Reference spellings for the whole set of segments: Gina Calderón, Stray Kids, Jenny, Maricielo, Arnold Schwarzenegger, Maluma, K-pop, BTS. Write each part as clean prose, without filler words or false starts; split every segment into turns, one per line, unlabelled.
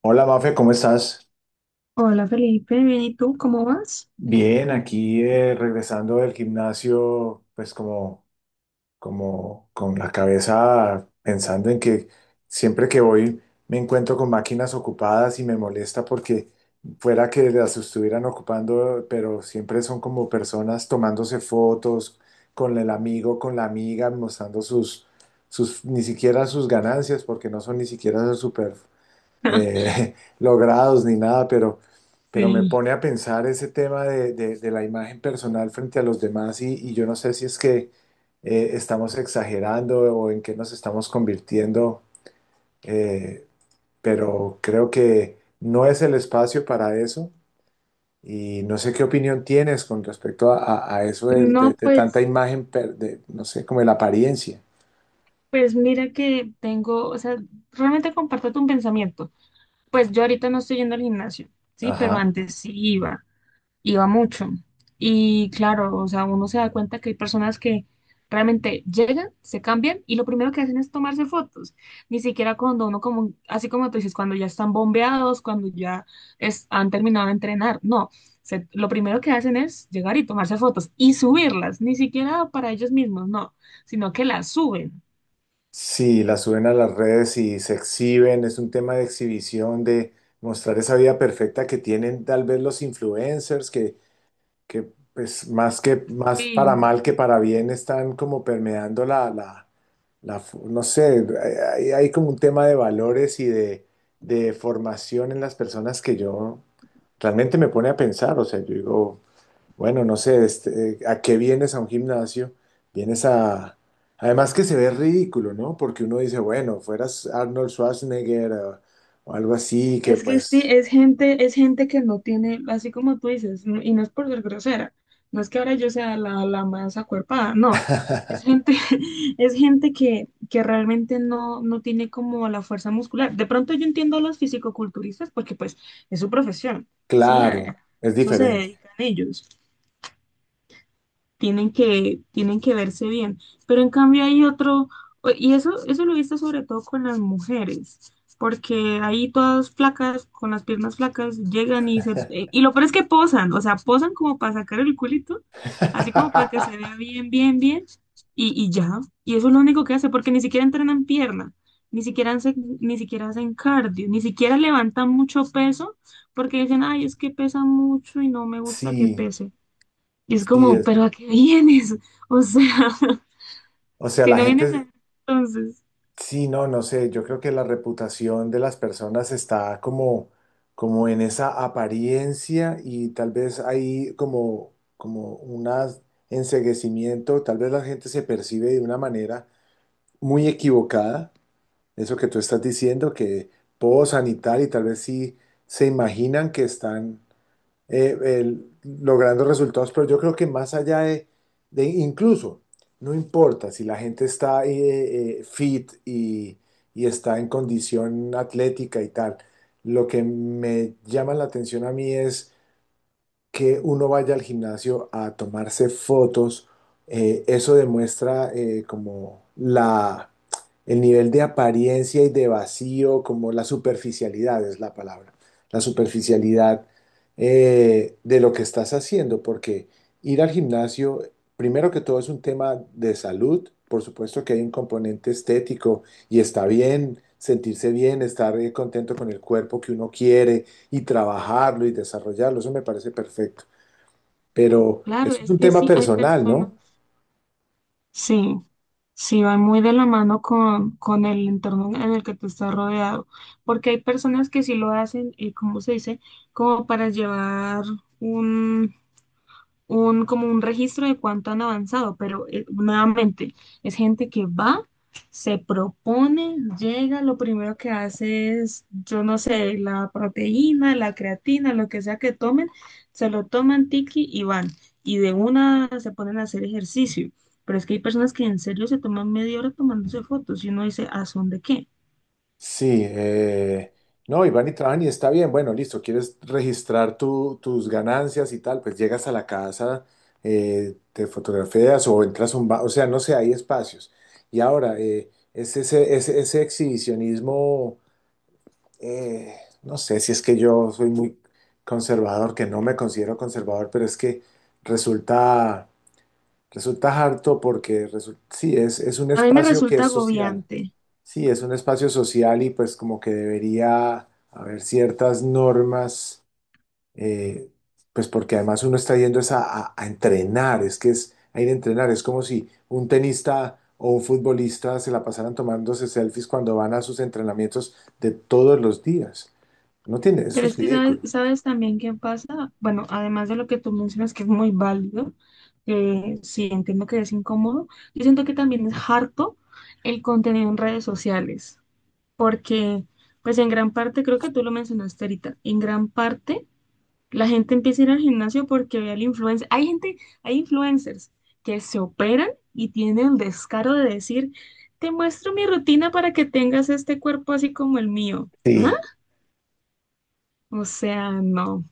Hola Mafe, ¿cómo estás?
Hola Felipe, bien, ¿y tú cómo vas?
Bien, aquí regresando del gimnasio, pues como, como con la cabeza pensando en que siempre que voy me encuentro con máquinas ocupadas y me molesta porque fuera que las estuvieran ocupando, pero siempre son como personas tomándose fotos con el amigo, con la amiga, mostrando sus, ni siquiera sus ganancias, porque no son ni siquiera super logrados ni nada, pero me
Sí.
pone a pensar ese tema de la imagen personal frente a los demás y yo no sé si es que estamos exagerando o en qué nos estamos convirtiendo, eh, pero creo que no es el espacio para eso y no sé qué opinión tienes con respecto a, a eso
No,
de tanta
pues,
imagen, de, no sé, como de la apariencia.
pues mira que tengo, o sea, realmente comparto tu pensamiento. Pues yo ahorita no estoy yendo al gimnasio, sí, pero
Ajá.
antes sí iba. Iba mucho. Y claro, o sea, uno se da cuenta que hay personas que realmente llegan, se cambian y lo primero que hacen es tomarse fotos. Ni siquiera cuando uno como, así como tú dices, cuando ya están bombeados, cuando ya es, han terminado de entrenar. No, lo primero que hacen es llegar y tomarse fotos y subirlas, ni siquiera para ellos mismos, no, sino que las suben.
Sí, la suben a las redes y se exhiben, es un tema de exhibición, de mostrar esa vida perfecta que tienen tal vez los influencers, que pues más que más para
Sí.
mal que para bien están como permeando la, la no sé, hay como un tema de valores y de formación en las personas que yo realmente me pone a pensar, o sea, yo digo, bueno, no sé, este, ¿a qué vienes a un gimnasio? Vienes a... Además que se ve ridículo, ¿no? Porque uno dice, bueno, fueras Arnold Schwarzenegger o algo así, que
Es que sí,
pues,
es gente que no tiene, así como tú dices, y no es por ser grosera, no es que ahora yo sea la, la más acuerpada, no, es gente, es gente que realmente no, no tiene como la fuerza muscular. De pronto yo entiendo a los fisicoculturistas porque pues es su profesión, sí,
claro,
a
es
eso se
diferente.
dedican ellos, tienen que verse bien. Pero en cambio hay otro, y eso lo he visto sobre todo con las mujeres, porque ahí todas flacas, con las piernas flacas, llegan y se, y lo peor es que posan, o sea, posan como para sacar el culito, así como para que se vea bien, bien, bien, y ya. Y eso es lo único que hace, porque ni siquiera entrenan pierna. Ni siquiera hacen, ni siquiera hacen cardio, ni siquiera levantan mucho peso, porque dicen, ay, es que pesa mucho y no me gusta que
Sí,
pese. Y es
sí,
como,
es...
¿pero a qué vienes? O sea,
O sea,
si
la
no
gente,
entonces,
Sí, no, no sé, yo creo que la reputación de las personas está como, como en esa apariencia y tal vez hay como, como un enceguecimiento, tal vez la gente se percibe de una manera muy equivocada, eso que tú estás diciendo, que posan y tal vez sí se imaginan que están logrando resultados, pero yo creo que más allá de incluso, no importa si la gente está fit y está en condición atlética y tal, lo que me llama la atención a mí es que uno vaya al gimnasio a tomarse fotos, eso demuestra como la, el nivel de apariencia y de vacío, como la superficialidad es la palabra, la superficialidad de lo que estás haciendo, porque ir al gimnasio, primero que todo, es un tema de salud, por supuesto que hay un componente estético y está bien sentirse bien, estar contento con el cuerpo que uno quiere y trabajarlo y desarrollarlo, eso me parece perfecto. Pero
claro,
eso es
es
un
que
tema
sí hay
personal, ¿no?
personas, sí, sí, va muy de la mano con el entorno en el que tú estás rodeado, porque hay personas que sí lo hacen, ¿cómo se dice? Como para llevar un, un, como un registro de cuánto han avanzado, pero nuevamente es gente que va, se propone, llega, lo primero que hace es, yo no sé, la proteína, la creatina, lo que sea que tomen, se lo toman tiki y van, y de una se ponen a hacer ejercicio. Pero es que hay personas que en serio se toman media hora tomándose fotos y uno dice, ¿a son de qué?
Sí, no, y van y trabajan y está bien, bueno, listo, quieres registrar tus ganancias y tal, pues llegas a la casa, te fotografías o entras a un bar, o sea, no sé, hay espacios. Y ahora, es ese, ese exhibicionismo, eh, no sé si es que yo soy muy conservador, que no me considero conservador, pero es que resulta. Resulta harto porque sí, es un
A mí me
espacio que
resulta
es social.
agobiante.
Sí, es un espacio social y pues como que debería haber ciertas normas, eh, pues porque además uno está yendo es a, a entrenar, es que es a ir a entrenar, es como si un tenista o un futbolista se la pasaran tomándose selfies cuando van a sus entrenamientos de todos los días. No tiene, eso
Pero
es
es que sabes,
ridículo.
sabes también qué pasa. Bueno, además de lo que tú mencionas, que es muy válido, sí entiendo que es incómodo, yo siento que también es harto el contenido en redes sociales, porque pues en gran parte, creo que tú lo mencionaste ahorita, en gran parte la gente empieza a ir al gimnasio porque ve al influencer. Hay gente, hay influencers que se operan y tienen el descaro de decir, te muestro mi rutina para que tengas este cuerpo así como el mío. ¿Ah?
Sí,
O sea, no.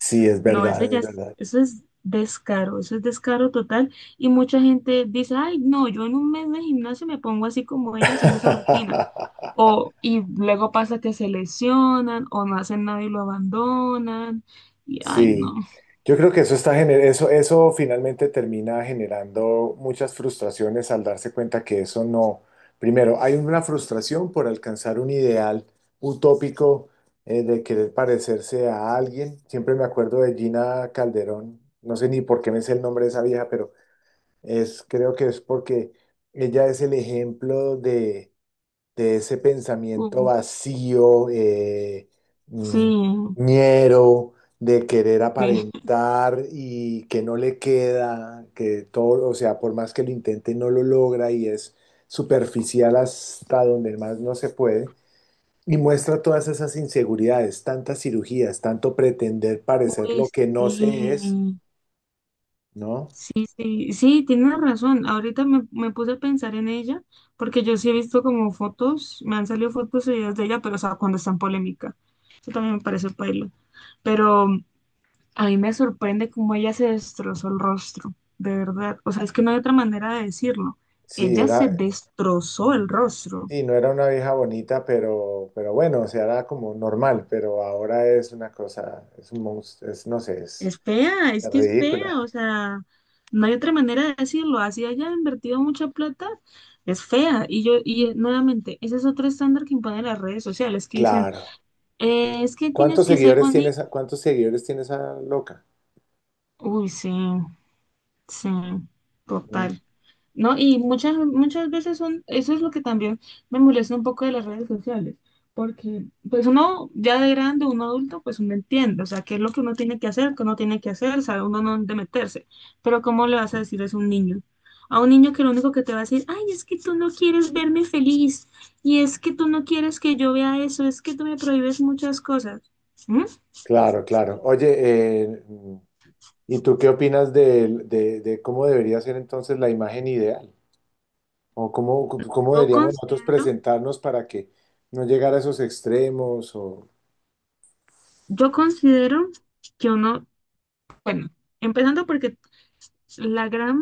sí, es
No, eso
verdad,
ya
es
es,
verdad.
eso es descaro total. Y mucha gente dice, ay, no, yo en un mes de gimnasio me pongo así como ella haciendo esa rutina. O, y luego pasa que se lesionan o no hacen nada y lo abandonan. Y, ay, no.
Sí, yo creo que eso está eso, eso finalmente termina generando muchas frustraciones al darse cuenta que eso no. Primero, hay una frustración por alcanzar un ideal utópico, de querer parecerse a alguien. Siempre me acuerdo de Gina Calderón, no sé ni por qué me sé el nombre de esa vieja, pero es, creo que es porque ella es el ejemplo de ese pensamiento
Uh,
vacío, mm,
sí,
ñero, de querer
sí.
aparentar y que no le queda, que todo, o sea, por más que lo intente, no lo logra y es superficial hasta donde más no se puede. Y muestra todas esas inseguridades, tantas cirugías, tanto pretender parecer
Uy,
lo que no se es,
sí.
¿no?
Sí, sí, sí, tienes razón. Ahorita me, me puse a pensar en ella, porque yo sí he visto como fotos, me han salido fotos y videos de ella, pero o sea, cuando está en polémica. Eso también me parece paila. Pero mm, a mí me sorprende cómo ella se destrozó el rostro, de verdad. O sea, es que no hay otra manera de decirlo.
Sí,
Ella
era,
se destrozó el rostro.
sí, no era una vieja bonita, pero bueno, o sea, era como normal, pero ahora es una cosa, es un monstruo, es, no sé,
Es fea, es
es
que es fea, o
ridícula.
sea, no hay otra manera de decirlo. Así haya invertido mucha plata, es fea. Y yo, y nuevamente, ese es otro estándar que imponen las redes sociales, que dicen,
Claro.
es que tienes
¿Cuántos
que ser
seguidores tiene
bonito.
esa, cuántos seguidores tiene esa loca?
Uy, sí. Sí,
Mm.
total. ¿No? Y muchas, muchas veces son, eso es lo que también me molesta un poco de las redes sociales, porque pues uno ya de grande, uno adulto, pues uno entiende, o sea, qué es lo que uno tiene que hacer, qué uno tiene que hacer, sabe uno no dónde meterse, pero ¿cómo le vas a decir eso a un niño? A un niño que lo único que te va a decir, ay, es que tú no quieres verme feliz, y es que tú no quieres que yo vea eso, es que tú me prohíbes muchas cosas. ¿Mm?
Claro, claro. Oye, ¿y tú qué opinas de cómo debería ser entonces la imagen ideal? ¿O cómo, cómo
Yo
deberíamos nosotros
considero,
presentarnos para que no llegara a esos extremos? O...
yo considero que uno Bueno, empezando porque la gran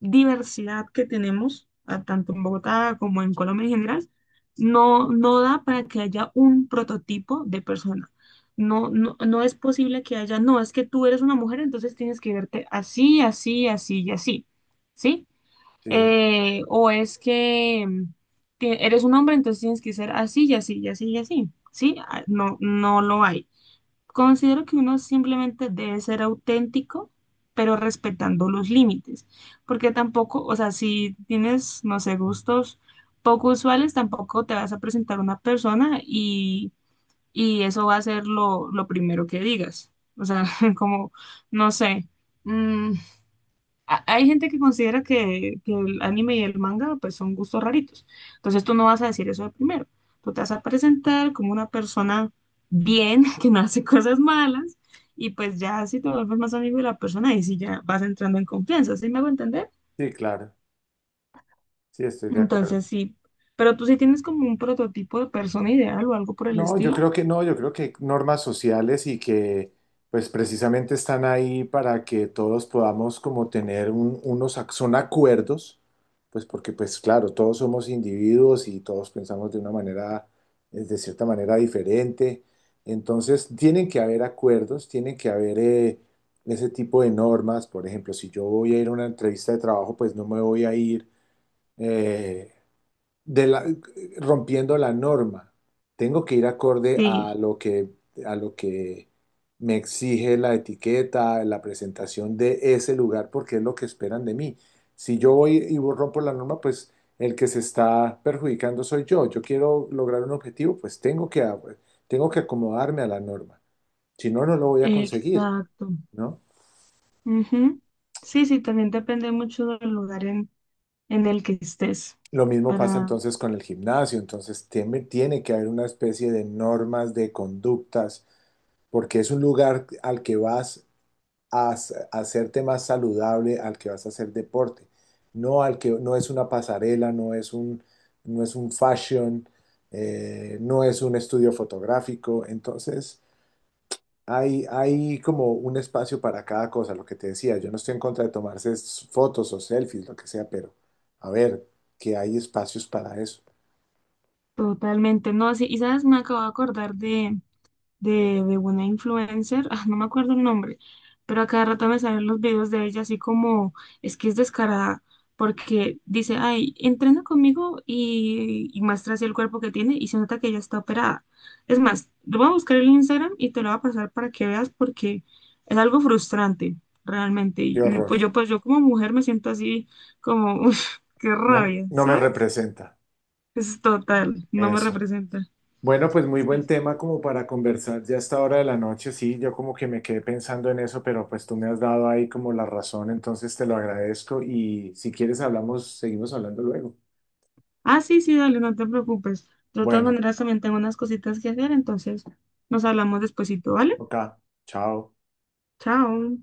diversidad que tenemos, tanto en Bogotá como en Colombia en general, no, no da para que haya un prototipo de persona. No, no, no es posible que haya, no, es que tú eres una mujer, entonces tienes que verte así, así, así y así, ¿sí?
Sí,
O es que mm, que eres un hombre, entonces tienes que ser así y así y así y así, ¿sí? Ah, no, no lo hay. Considero que uno simplemente debe ser auténtico, pero respetando los límites, porque tampoco, o sea, si tienes, no sé, gustos poco usuales, tampoco te vas a presentar a una persona y eso va a ser lo primero que digas. O sea, como, no sé, mm, hay gente que considera que el anime y el manga pues son gustos raritos. Entonces tú no vas a decir eso de primero. Tú te vas a presentar como una persona bien, que no hace cosas malas, y pues ya si te vuelves más amigo de la persona, y si ya vas entrando en confianza, ¿sí me hago entender?
sí, claro. Sí, estoy de acuerdo.
Entonces sí, pero tú sí tienes como un prototipo de persona ideal o algo por el
No, yo
estilo.
creo que no, yo creo que normas sociales y que pues precisamente están ahí para que todos podamos como tener unos, son acuerdos, pues porque pues claro, todos somos individuos y todos pensamos de una manera, de cierta manera diferente. Entonces tienen que haber acuerdos, tienen que haber ese tipo de normas. Por ejemplo, si yo voy a ir a una entrevista de trabajo, pues no me voy a ir. eh, de la- Rompiendo la norma. Tengo que ir acorde
Sí,
a lo que me exige la etiqueta, la presentación de ese lugar, porque es lo que esperan de mí. Si yo voy y rompo la norma, pues el que se está perjudicando soy yo. Yo quiero lograr un objetivo, pues tengo que, tengo que acomodarme a la norma. Si no, no lo voy a conseguir,
exacto.
¿no?
Ujú. Sí, sí, también depende mucho del lugar en el que estés
Lo mismo pasa
para
entonces con el gimnasio, entonces tiene, tiene que haber una especie de normas de conductas porque es un lugar al que vas a a hacerte más saludable, al que vas a hacer deporte, no al que no es una pasarela, no es un, no es un fashion, no es un estudio fotográfico, entonces hay como un espacio para cada cosa, lo que te decía, yo no estoy en contra de tomarse fotos o selfies, lo que sea, pero a ver, que hay espacios para eso.
totalmente, no, sí, y sabes, me acabo de acordar de una influencer, ah, no me acuerdo el nombre, pero a cada rato me salen los videos de ella así como, es que es descarada, porque dice, ay, entrena conmigo y muestra así el cuerpo que tiene y se nota que ella está operada. Es más, lo voy a buscar en Instagram y te lo voy a pasar para que veas porque es algo frustrante, realmente.
Qué
Y
horror,
pues yo como mujer me siento así como, uff, qué
no,
rabia,
no me
¿sabes?
representa
Es total, no me
eso.
representa.
Bueno, pues muy
Sí,
buen
sí.
tema como para conversar ya a esta hora de la noche. Sí, yo como que me quedé pensando en eso, pero pues tú me has dado ahí como la razón, entonces te lo agradezco y si quieres hablamos, seguimos hablando luego.
Ah, sí, sí, dale, no te preocupes. De todas
Bueno,
maneras, también tengo unas cositas que hacer, entonces nos hablamos despuesito, ¿vale?
ok, chao.
Chao.